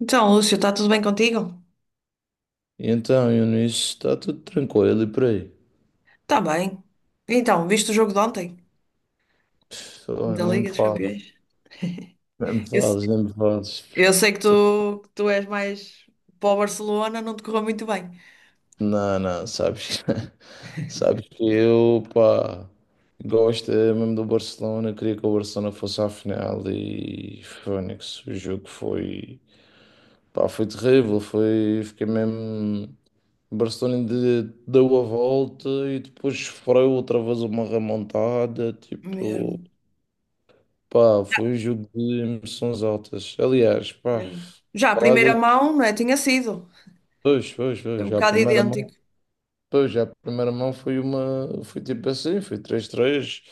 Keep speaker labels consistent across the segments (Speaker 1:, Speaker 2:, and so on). Speaker 1: Então, Lúcio, está tudo bem contigo?
Speaker 2: Então, Eunice, está tudo tranquilo e por aí?
Speaker 1: Está bem. Então, viste o jogo de ontem?
Speaker 2: Pff, oh,
Speaker 1: Da
Speaker 2: nem me
Speaker 1: Liga dos
Speaker 2: fales,
Speaker 1: Campeões?
Speaker 2: nem me
Speaker 1: Eu, se-
Speaker 2: fales, nem me fales.
Speaker 1: eu sei que
Speaker 2: Tô-
Speaker 1: tu, que tu és mais para o Barcelona, não te correu muito bem.
Speaker 2: Não, não, sabes, sabes que eu, pá, gosto mesmo do Barcelona, queria que o Barcelona fosse à final e Fónix, o jogo foi, pá, foi terrível, foi, fiquei mesmo, o deu a volta e depois sofreu outra vez uma remontada,
Speaker 1: Mesmo,
Speaker 2: tipo. Pá, foi um jogo de emoções altas. Aliás, pá,
Speaker 1: mesmo. Já a
Speaker 2: falar
Speaker 1: primeira
Speaker 2: de.
Speaker 1: mão, não é? Tinha sido.
Speaker 2: Pois, pois,
Speaker 1: Foi
Speaker 2: pois,
Speaker 1: um
Speaker 2: já a
Speaker 1: bocado
Speaker 2: primeira mão.
Speaker 1: idêntico.
Speaker 2: Pois, já a primeira mão foi uma. Foi tipo assim, foi três três.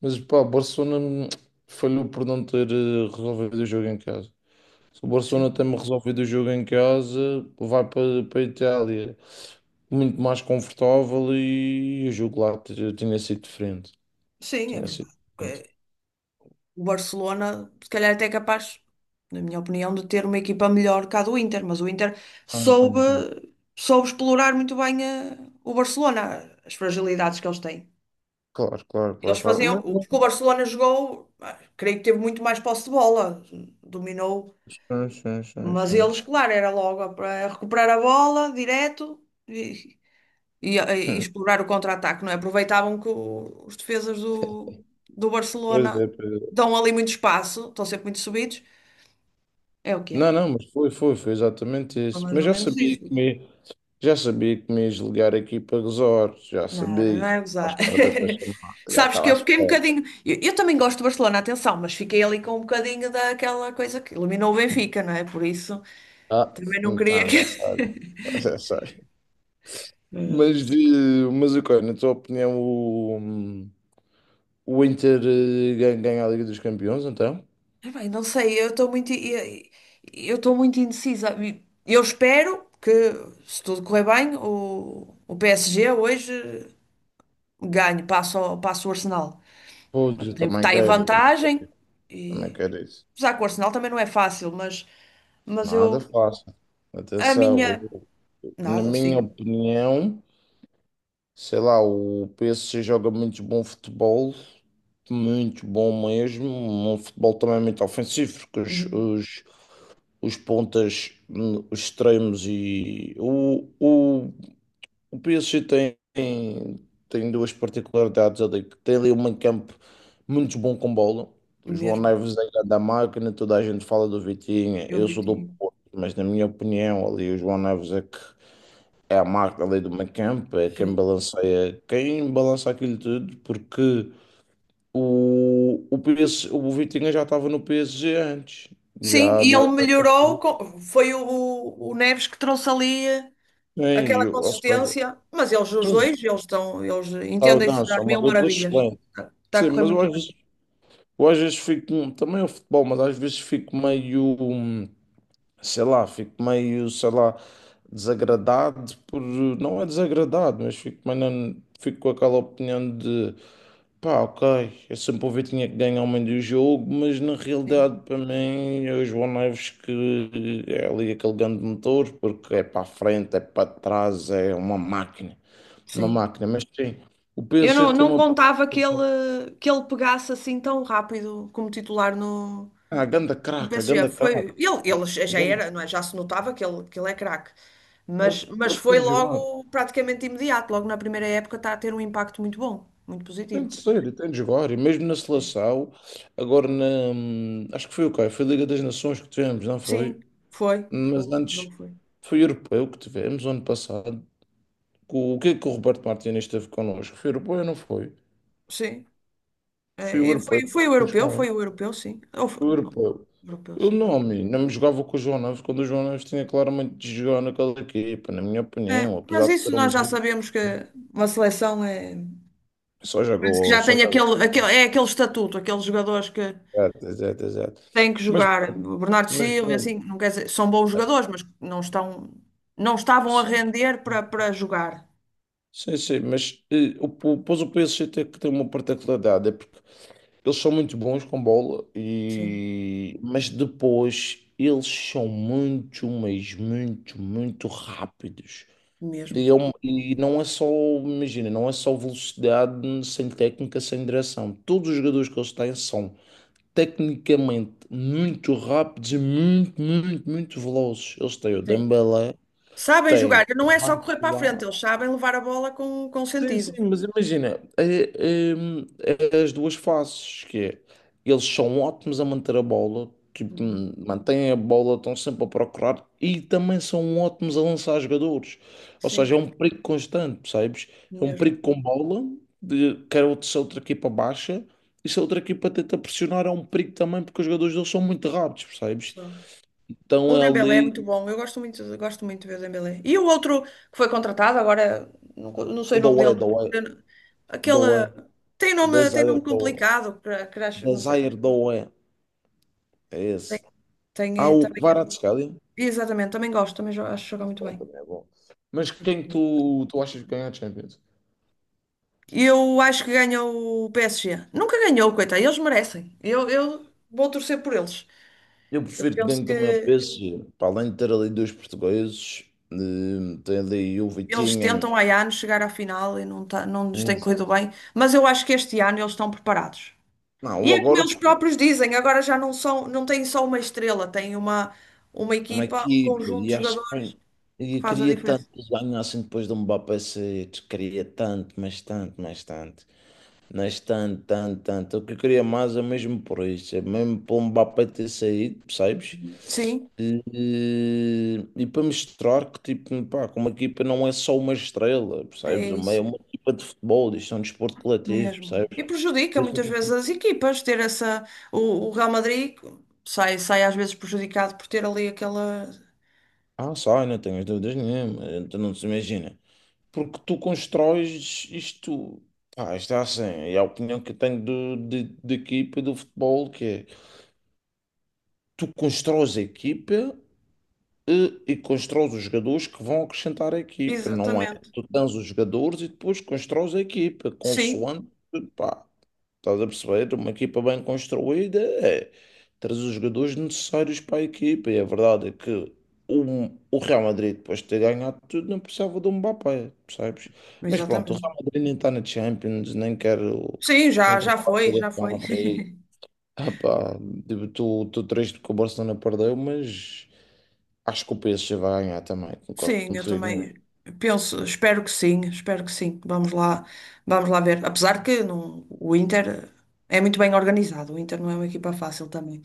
Speaker 2: Mas, pá, o Barcelona falhou por não ter resolvido o jogo em casa. Se o Barcelona
Speaker 1: Sim,
Speaker 2: tem resolvido o jogo em casa, vai para, para a Itália muito mais confortável e o jogo lá tinha sido diferente.
Speaker 1: sim, é
Speaker 2: Tinha sido
Speaker 1: verdade.
Speaker 2: diferente.
Speaker 1: Porque o Barcelona, se calhar, até é capaz, na minha opinião, de ter uma equipa melhor que a do Inter, mas o Inter
Speaker 2: Ah, então,
Speaker 1: soube,
Speaker 2: então.
Speaker 1: soube explorar muito bem o Barcelona, as fragilidades que eles têm.
Speaker 2: Claro, claro, claro,
Speaker 1: Eles
Speaker 2: claro.
Speaker 1: faziam, porque o Barcelona jogou, ah, creio que teve muito mais posse de bola, dominou,
Speaker 2: Sim, sim, sim,
Speaker 1: mas
Speaker 2: sim,
Speaker 1: eles,
Speaker 2: sim.
Speaker 1: claro, era logo para recuperar a bola direto e, e
Speaker 2: Hum.
Speaker 1: explorar o contra-ataque, não é? Aproveitavam que os defesas do
Speaker 2: Pois
Speaker 1: Barcelona
Speaker 2: é, pois é.
Speaker 1: dão ali muito espaço, estão sempre muito subidos, é o que é.
Speaker 2: Não, não, mas foi, foi, foi exatamente
Speaker 1: Foi
Speaker 2: isso.
Speaker 1: mais ou menos isso.
Speaker 2: Já sabia que me ias ligar aqui para resorts, já
Speaker 1: Não,
Speaker 2: sabia,
Speaker 1: não
Speaker 2: já
Speaker 1: é
Speaker 2: estava à
Speaker 1: gozar.
Speaker 2: espera da tua chamada, já
Speaker 1: Sabes
Speaker 2: estava
Speaker 1: que
Speaker 2: à
Speaker 1: eu fiquei um
Speaker 2: espera.
Speaker 1: bocadinho. Eu também gosto do Barcelona, atenção, mas fiquei ali com um bocadinho daquela coisa que eliminou o Benfica, não é? Por isso.
Speaker 2: Ah,
Speaker 1: Também não queria
Speaker 2: então
Speaker 1: que.
Speaker 2: já sabe, já sei.
Speaker 1: Hum.
Speaker 2: Mas, de, mas ok, na tua opinião, o Inter ganha a Liga dos Campeões, então?
Speaker 1: Ah, bem, não sei, eu estou muito indecisa. Eu espero que, se tudo correr bem, o PSG hoje ganhe, passa o Arsenal.
Speaker 2: Pois, eu também
Speaker 1: Está em
Speaker 2: quero, também,
Speaker 1: vantagem,
Speaker 2: também
Speaker 1: e,
Speaker 2: quero isso.
Speaker 1: apesar que o Arsenal também não é fácil, mas
Speaker 2: Nada
Speaker 1: eu,
Speaker 2: fácil.
Speaker 1: a
Speaker 2: Atenção,
Speaker 1: minha,
Speaker 2: eu- na
Speaker 1: nada,
Speaker 2: minha
Speaker 1: sim.
Speaker 2: opinião. Sei lá, o PSG joga muito bom futebol, muito bom mesmo. Um futebol também muito ofensivo, porque
Speaker 1: Uhum.
Speaker 2: os pontas, os extremos e. O PSG tem, tem duas particularidades ali, que tem ali um meio-campo muito bom com bola. O João
Speaker 1: Mesmo,
Speaker 2: Neves é grande da máquina, toda a gente fala do Vitinho,
Speaker 1: eu
Speaker 2: eu
Speaker 1: vi,
Speaker 2: sou do Porto, mas na minha opinião, ali o João Neves é que é a marca ali do Mancamp, é quem
Speaker 1: sim.
Speaker 2: balanceia, quem balança aquilo tudo, porque o Vitinha já estava no PSG antes,
Speaker 1: Sim,
Speaker 2: já
Speaker 1: e ele
Speaker 2: do.
Speaker 1: melhorou, foi o Neves que trouxe ali
Speaker 2: Sim,
Speaker 1: aquela
Speaker 2: eu, ou seja,
Speaker 1: consistência, mas eles, os
Speaker 2: sim,
Speaker 1: dois, eles
Speaker 2: sabe,
Speaker 1: entendem-se
Speaker 2: não,
Speaker 1: a
Speaker 2: são uma
Speaker 1: mil
Speaker 2: dupla
Speaker 1: maravilhas.
Speaker 2: excelente.
Speaker 1: Está a
Speaker 2: Sim,
Speaker 1: correr muito bem.
Speaker 2: eu às vezes fico, também é o futebol, mas às vezes fico meio, sei lá, fico meio, sei lá, desagradado por, não é desagradado, mas fico, meio, fico com aquela opinião de. Pá, ok. Eu sempre ouvi que tinha que ganhar o meio do jogo, mas na
Speaker 1: Sim,
Speaker 2: realidade, para mim, é o João Neves que é ali aquele grande motor, porque é para a frente, é para trás, é uma máquina. Uma
Speaker 1: sim.
Speaker 2: máquina, mas sim, o
Speaker 1: Eu
Speaker 2: PSG
Speaker 1: não,
Speaker 2: tem
Speaker 1: não
Speaker 2: uma.
Speaker 1: contava que ele, pegasse assim tão rápido como titular no,
Speaker 2: Ah, ganda
Speaker 1: no
Speaker 2: craca,
Speaker 1: PSG.
Speaker 2: ganda
Speaker 1: Foi,
Speaker 2: craca.
Speaker 1: ele já
Speaker 2: Ganda.
Speaker 1: era, não é? Já se notava que ele é craque. Mas
Speaker 2: Ele
Speaker 1: foi
Speaker 2: tem de jogar.
Speaker 1: logo, praticamente imediato, logo na primeira época, está a ter um impacto muito bom, muito
Speaker 2: Tem
Speaker 1: positivo.
Speaker 2: de ser, ele tem de jogar. E mesmo na seleção, agora na. Acho que foi o quê? Foi a Liga das Nações que tivemos, não
Speaker 1: Sim,
Speaker 2: foi?
Speaker 1: foi. O
Speaker 2: Mas
Speaker 1: último jogo
Speaker 2: antes
Speaker 1: foi.
Speaker 2: foi o europeu que tivemos ano passado. O que é que o Roberto Martínez esteve connosco? Foi europeu ou não foi?
Speaker 1: Sim.
Speaker 2: Foi o
Speaker 1: E foi,
Speaker 2: europeu,
Speaker 1: foi o
Speaker 2: perdemos
Speaker 1: europeu,
Speaker 2: com ele.
Speaker 1: foi o europeu, sim.
Speaker 2: Foi o europeu.
Speaker 1: Europeu,
Speaker 2: Eu
Speaker 1: sim.
Speaker 2: não, amigo, não me jogava com o João Neves quando o João Neves tinha claramente de jogar naquela equipa, na minha
Speaker 1: É,
Speaker 2: opinião, apesar
Speaker 1: mas
Speaker 2: de
Speaker 1: isso
Speaker 2: ter um
Speaker 1: nós já
Speaker 2: menino,
Speaker 1: sabemos que uma seleção é.
Speaker 2: só
Speaker 1: Parece que
Speaker 2: jogou,
Speaker 1: já
Speaker 2: só
Speaker 1: tem
Speaker 2: jogou.
Speaker 1: aquele, é aquele estatuto, aqueles jogadores que
Speaker 2: Exato, exato, exato.
Speaker 1: têm que
Speaker 2: Mas
Speaker 1: jogar.
Speaker 2: pronto,
Speaker 1: O Bernardo
Speaker 2: mas
Speaker 1: Silva,
Speaker 2: pronto.
Speaker 1: assim, não quer dizer, são bons
Speaker 2: eh,
Speaker 1: jogadores, mas não estavam a
Speaker 2: Sim,
Speaker 1: render para jogar.
Speaker 2: sim, sim, mas pois o PSG tem que ter uma particularidade, é porque eles são muito bons com bola,
Speaker 1: Sim,
Speaker 2: e mas depois eles são muito, mas muito, muito rápidos. E,
Speaker 1: mesmo.
Speaker 2: é um- e não é só, imagina, não é só velocidade sem técnica, sem direção. Todos os jogadores que eles têm são tecnicamente muito rápidos e muito, muito, muito velozes. Eles têm o
Speaker 1: Sim.
Speaker 2: Dembélé,
Speaker 1: Sabem
Speaker 2: têm
Speaker 1: jogar,
Speaker 2: o
Speaker 1: não é só correr para a frente,
Speaker 2: Barcola.
Speaker 1: eles sabem levar a bola com
Speaker 2: Sim, sim,
Speaker 1: sentido.
Speaker 2: mas imagina, é as duas faces, que é, eles são ótimos a manter a bola, tipo,
Speaker 1: Uhum.
Speaker 2: mantêm a bola, estão sempre a procurar, e também são ótimos a lançar jogadores. Ou
Speaker 1: Sim,
Speaker 2: seja, é um perigo constante, percebes? É um
Speaker 1: mesmo.
Speaker 2: perigo com bola, se a outra equipa baixa, e se a outra equipa tenta pressionar, é um perigo também, porque os jogadores deles são muito rápidos, percebes? Então
Speaker 1: O
Speaker 2: é
Speaker 1: Dembélé é
Speaker 2: ali,
Speaker 1: muito bom, eu gosto muito de ver o Dembélé. E o outro que foi contratado, agora não
Speaker 2: o
Speaker 1: sei o nome dele.
Speaker 2: Doué, Doué,
Speaker 1: Eu- Aquele
Speaker 2: Doué,
Speaker 1: tem
Speaker 2: o
Speaker 1: nome, tem
Speaker 2: Desire
Speaker 1: nome
Speaker 2: Doué,
Speaker 1: complicado, crash, não sei o quê.
Speaker 2: Desire Doué, é
Speaker 1: Tem,
Speaker 2: esse.
Speaker 1: tem,
Speaker 2: Há
Speaker 1: eh,
Speaker 2: o
Speaker 1: também,
Speaker 2: Kvaratskhelia.
Speaker 1: exatamente, também gosto, também acho que joga muito
Speaker 2: Bom,
Speaker 1: bem.
Speaker 2: também é bom. Mas quem tu, tu achas que ganha a Champions?
Speaker 1: Eu acho que ganha o PSG. Nunca ganhou, coitado, eles merecem. Eu vou torcer por eles.
Speaker 2: Eu
Speaker 1: Eu
Speaker 2: prefiro que
Speaker 1: penso
Speaker 2: ganhe também o
Speaker 1: que
Speaker 2: PSG. Para além de ter ali dois portugueses, tem ali o
Speaker 1: eles
Speaker 2: Vitinha.
Speaker 1: tentam há anos chegar à final e não, tá, não nos
Speaker 2: eh,
Speaker 1: tem corrido bem, mas eu acho que este ano eles estão preparados.
Speaker 2: Não,
Speaker 1: E
Speaker 2: o
Speaker 1: é como
Speaker 2: agora
Speaker 1: eles próprios dizem, agora já não são, não têm só uma estrela, têm uma
Speaker 2: uma
Speaker 1: equipa, um
Speaker 2: equipa
Speaker 1: conjunto
Speaker 2: e
Speaker 1: de
Speaker 2: acho que
Speaker 1: jogadores
Speaker 2: bem,
Speaker 1: que
Speaker 2: e
Speaker 1: faz a
Speaker 2: queria tanto
Speaker 1: diferença.
Speaker 2: que eles ganhassem depois do Mbappé sair. Queria tanto, mas tanto, mas tanto. Mas tanto, tanto, tanto. O que eu queria mais é mesmo por isso. É mesmo pelo Mbappé ter saído, percebes?
Speaker 1: Sim,
Speaker 2: E para mostrar que, tipo, pá, que uma equipa não é só uma estrela, percebes?
Speaker 1: é
Speaker 2: Uma, é
Speaker 1: isso
Speaker 2: uma equipa de futebol, isto é um desporto coletivo,
Speaker 1: mesmo.
Speaker 2: percebes?
Speaker 1: E prejudica
Speaker 2: Deixa.
Speaker 1: muitas vezes as equipas ter essa. O, o Real Madrid sai às vezes prejudicado por ter ali aquela.
Speaker 2: Ah, sai, não tenho dúvidas nenhuma, então não se imagina. Porque tu constróis isto, pá, isto é assim, é a opinião que eu tenho de equipa do futebol, que é, tu constróis a equipa e constróis os jogadores que vão acrescentar a equipa, não é?
Speaker 1: Exatamente.
Speaker 2: Tu tens os jogadores e depois constróis a equipa,
Speaker 1: Sim,
Speaker 2: consoante, pá. Estás a perceber? Uma equipa bem construída é trazer os jogadores necessários para a equipa. E a verdade é que o Real Madrid, depois de ter ganhado tudo, não precisava de um Mbappé, percebes? Mas pronto, o
Speaker 1: exatamente.
Speaker 2: Real Madrid nem está na Champions, nem quero
Speaker 1: Sim, já,
Speaker 2: muito
Speaker 1: já
Speaker 2: falar
Speaker 1: foi,
Speaker 2: do
Speaker 1: já
Speaker 2: Real
Speaker 1: foi.
Speaker 2: Madrid. Ah pá, tipo, estou triste que o Barcelona perdeu, mas acho que o PSG vai ganhar também, concordo
Speaker 1: Sim, eu
Speaker 2: contigo.
Speaker 1: também penso, espero que sim, espero que sim. Vamos lá ver. Apesar que não, o Inter é muito bem organizado, o Inter não é uma equipa fácil também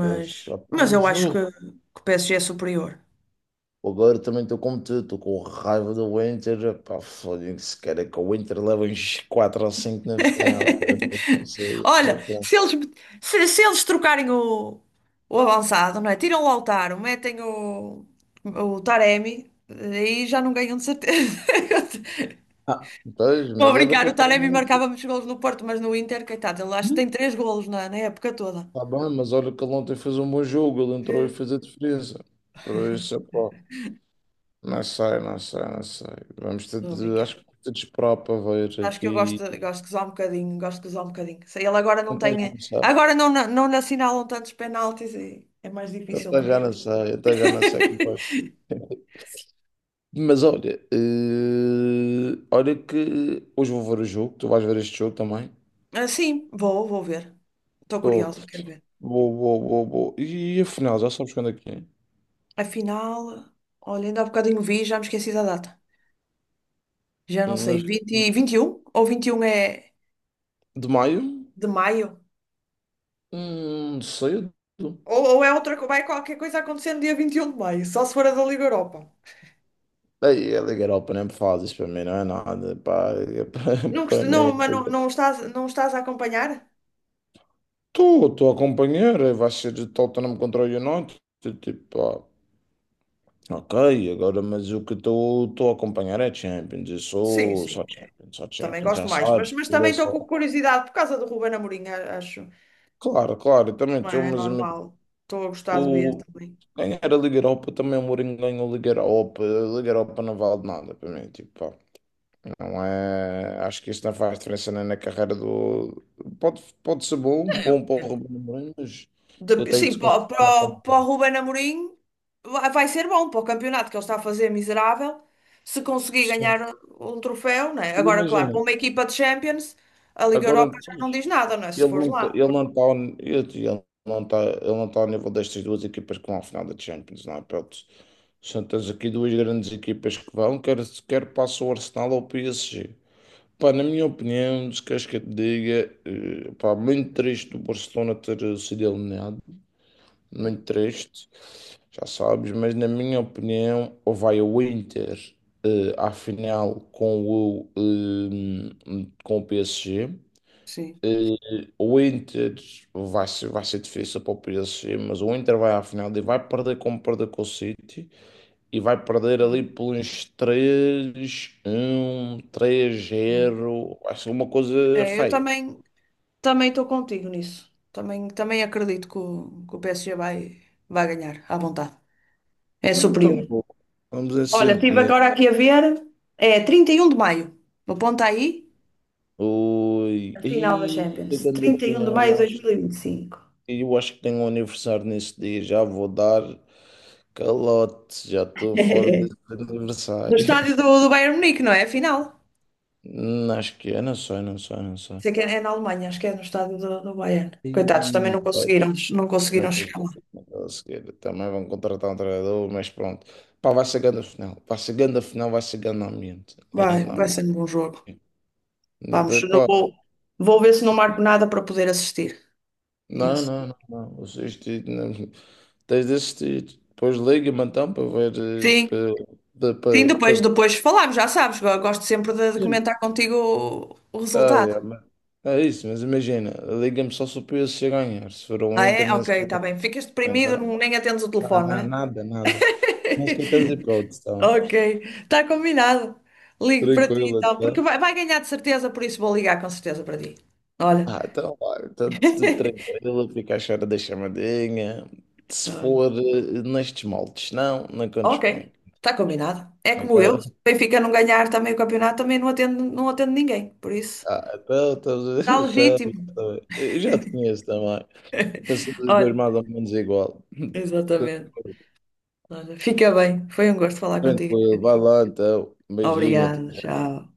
Speaker 2: Mas, ah pá,
Speaker 1: mas eu
Speaker 2: mas
Speaker 1: acho
Speaker 2: o
Speaker 1: que o, PSG É superior.
Speaker 2: Agora também estou como tu, estou com raiva do Inter. Pá, foda-se, cara, que o Inter leva uns 4 ou 5 na final. Eu não sei, mas,
Speaker 1: Olha,
Speaker 2: pronto.
Speaker 1: se eles, se eles trocarem o avançado, não é? Tiram o Lautaro, metem o Taremi, aí já não ganham de certeza.
Speaker 2: Ah, pois,
Speaker 1: Estou a
Speaker 2: mas olha que
Speaker 1: brincar,
Speaker 2: eu
Speaker 1: o
Speaker 2: estou
Speaker 1: Taremi
Speaker 2: muito.
Speaker 1: marcava muitos golos no Porto, mas no Inter, coitado, ele acho que tem três golos na época toda.
Speaker 2: Está bem, mas olha que ele ontem fez um bom jogo, ele
Speaker 1: Vê?
Speaker 2: entrou e fez a diferença. Por isso, pá, não sei, não sei, não sei. Vamos ter
Speaker 1: Estou a
Speaker 2: de,
Speaker 1: brincar.
Speaker 2: acho que vamos ter de esperar para ver
Speaker 1: Acho que eu gosto,
Speaker 2: aqui.
Speaker 1: gosto de usar um bocadinho, gosto de usar um bocadinho. Se ele agora não
Speaker 2: Até já
Speaker 1: tem.
Speaker 2: não sei,
Speaker 1: Agora não, não lhe assinalam tantos penaltis e é mais difícil para ele.
Speaker 2: até já não sei como vai. Mas olha, olha que hoje vou ver o jogo, tu vais ver este jogo também.
Speaker 1: Ah, sim, vou ver. Estou
Speaker 2: Vou,
Speaker 1: curiosa, quero ver.
Speaker 2: vou. E afinal, já sabes quando é que é?
Speaker 1: Afinal, olha, ainda há bocadinho vi, já me esqueci da data. Já não
Speaker 2: Na-
Speaker 1: sei, 21 ou 21 é
Speaker 2: De maio?
Speaker 1: de maio?
Speaker 2: Cedo.
Speaker 1: Ou é outra, vai qualquer coisa acontecendo dia 21 de maio, só se for a da Liga Europa.
Speaker 2: Ei, a Liga Europa nem me faz isso para mim, não é nada. Pá, é para,
Speaker 1: Não,
Speaker 2: para
Speaker 1: não,
Speaker 2: mim.
Speaker 1: mas não, não estás a acompanhar?
Speaker 2: Estou, estou a acompanhar, vai ser de Tottenham contra o United. Tipo, ah, ok, agora, mas o que estou a acompanhar é Champions. Eu
Speaker 1: Sim,
Speaker 2: sou
Speaker 1: sim.
Speaker 2: só
Speaker 1: Também
Speaker 2: Champions,
Speaker 1: gosto
Speaker 2: já
Speaker 1: mais, mas,
Speaker 2: sabes.
Speaker 1: mas também estou com curiosidade por causa do Ruben Amorim, acho.
Speaker 2: Claro, claro, eu também
Speaker 1: Não
Speaker 2: sou,
Speaker 1: é
Speaker 2: mas amigo,
Speaker 1: normal. Estou a gostar de ver
Speaker 2: o
Speaker 1: também.
Speaker 2: ganhar a Liga Europa, também o Mourinho ganhou a Liga Europa não vale nada para mim, tipo, pá, não é, acho que isso não faz diferença nem na carreira do, pode, pode ser bom,
Speaker 1: É,
Speaker 2: bom para
Speaker 1: é
Speaker 2: o
Speaker 1: co-
Speaker 2: Ruben Amorim, mas eu tenho de
Speaker 1: sim,
Speaker 2: se
Speaker 1: para,
Speaker 2: concentrar na
Speaker 1: para,
Speaker 2: frente.
Speaker 1: para o Ruben Amorim vai ser bom para o campeonato que ele está a fazer miserável. Se conseguir
Speaker 2: Sim,
Speaker 1: ganhar um troféu, não é? Agora, claro,
Speaker 2: imagina,
Speaker 1: para uma equipa de Champions, a Liga
Speaker 2: agora.
Speaker 1: Europa já não diz nada, não é? Se
Speaker 2: Ele
Speaker 1: fores
Speaker 2: não está,
Speaker 1: lá.
Speaker 2: ele não está, ele não está, ele não está ao nível destas duas equipas que vão à final da Champions, não é? Pronto, tens aqui duas grandes equipas que vão, quer, quer passa o Arsenal ou o PSG. Pá, na minha opinião, se queres que eu te diga, pá, muito triste o Barcelona ter sido eliminado, muito triste, já sabes, mas na minha opinião, ou vai o Inter à final com com o PSG.
Speaker 1: Sim,
Speaker 2: O Inter vai ser difícil para o PSG, mas o Inter vai à final e vai perder como perdeu com o City e vai perder ali
Speaker 1: sim.
Speaker 2: por uns 3-1,
Speaker 1: Bom.
Speaker 2: 3-0. Vai ser uma coisa
Speaker 1: É, eu
Speaker 2: feia.
Speaker 1: também estou contigo nisso. Também, também acredito que o PSG vai, vai ganhar à vontade. É
Speaker 2: Ah, então,
Speaker 1: superior.
Speaker 2: bom, vamos
Speaker 1: Olha,
Speaker 2: assim,
Speaker 1: estive
Speaker 2: né?
Speaker 1: agora aqui a ver. É 31 de maio. Aponta aí
Speaker 2: Ui,
Speaker 1: a final da
Speaker 2: e
Speaker 1: Champions.
Speaker 2: chegando à
Speaker 1: trinta e um de
Speaker 2: final,
Speaker 1: maio de dois mil e e vinte e cinco
Speaker 2: eu acho que tenho um aniversário nesse dia. Já vou dar calote, já estou fora desse
Speaker 1: No
Speaker 2: aniversário.
Speaker 1: estádio do Bayern Munique, não é? A final.
Speaker 2: Não, acho que é, não sei, não sei, não sei.
Speaker 1: Sei que é na Alemanha, acho que é no estádio do Bayern. Coitados, também
Speaker 2: E,
Speaker 1: não
Speaker 2: olha,
Speaker 1: conseguiram, não
Speaker 2: não
Speaker 1: conseguiram
Speaker 2: tens-
Speaker 1: chegar lá.
Speaker 2: não tens. Também vão contratar um treinador, mas pronto. Pá, vai chegando a final. Vai chegando a final, vai chegando ao ambiente. É,
Speaker 1: Vai,
Speaker 2: no
Speaker 1: vai
Speaker 2: ambiente.
Speaker 1: ser um bom jogo.
Speaker 2: Vai,
Speaker 1: Vamos, eu não
Speaker 2: pá.
Speaker 1: vou, vou ver se não marco nada para poder assistir
Speaker 2: Não,
Speaker 1: nesse
Speaker 2: não,
Speaker 1: dia.
Speaker 2: não, não. Tens de assistir. Depois liga-me então para veres.
Speaker 1: Sim,
Speaker 2: Para,
Speaker 1: sim,
Speaker 2: para,
Speaker 1: depois,
Speaker 2: para.
Speaker 1: depois falamos, já sabes, eu gosto sempre de comentar contigo o
Speaker 2: Ah,
Speaker 1: resultado.
Speaker 2: é, é isso, mas imagina. Liga-me só se o PSG ganhar. Se for o
Speaker 1: Ah,
Speaker 2: Inter,
Speaker 1: é?
Speaker 2: nesse.
Speaker 1: Ok, está bem. Ficas deprimido,
Speaker 2: Não,
Speaker 1: nem atendes o telefone, não
Speaker 2: não,
Speaker 1: é?
Speaker 2: nada, nada. Mas que tens hipótese, tá?
Speaker 1: Ok, está combinado. Ligo para ti
Speaker 2: Tranquilo,
Speaker 1: então, porque
Speaker 2: então.
Speaker 1: vai ganhar de certeza, por isso vou ligar com certeza para ti. Olha.
Speaker 2: Ah, então, olha, está tudo tranquilo, fica à espera da chamadinha. Se
Speaker 1: Olha.
Speaker 2: for nestes moldes, não, não contes
Speaker 1: Ok,
Speaker 2: comigo.
Speaker 1: está combinado. É como eu.
Speaker 2: Ok?
Speaker 1: Se o Benfica não ganhar também o campeonato, também não atendo ninguém, por isso.
Speaker 2: Ah, então, então,
Speaker 1: Está
Speaker 2: então,
Speaker 1: legítimo.
Speaker 2: então, eu já te conheço também. Pensamos os dois
Speaker 1: Olha,
Speaker 2: mais ou menos igual.
Speaker 1: exatamente. Olha, fica bem. Foi um gosto falar contigo.
Speaker 2: Tranquilo, vai lá então. Beijinho, até
Speaker 1: Obrigada, tchau.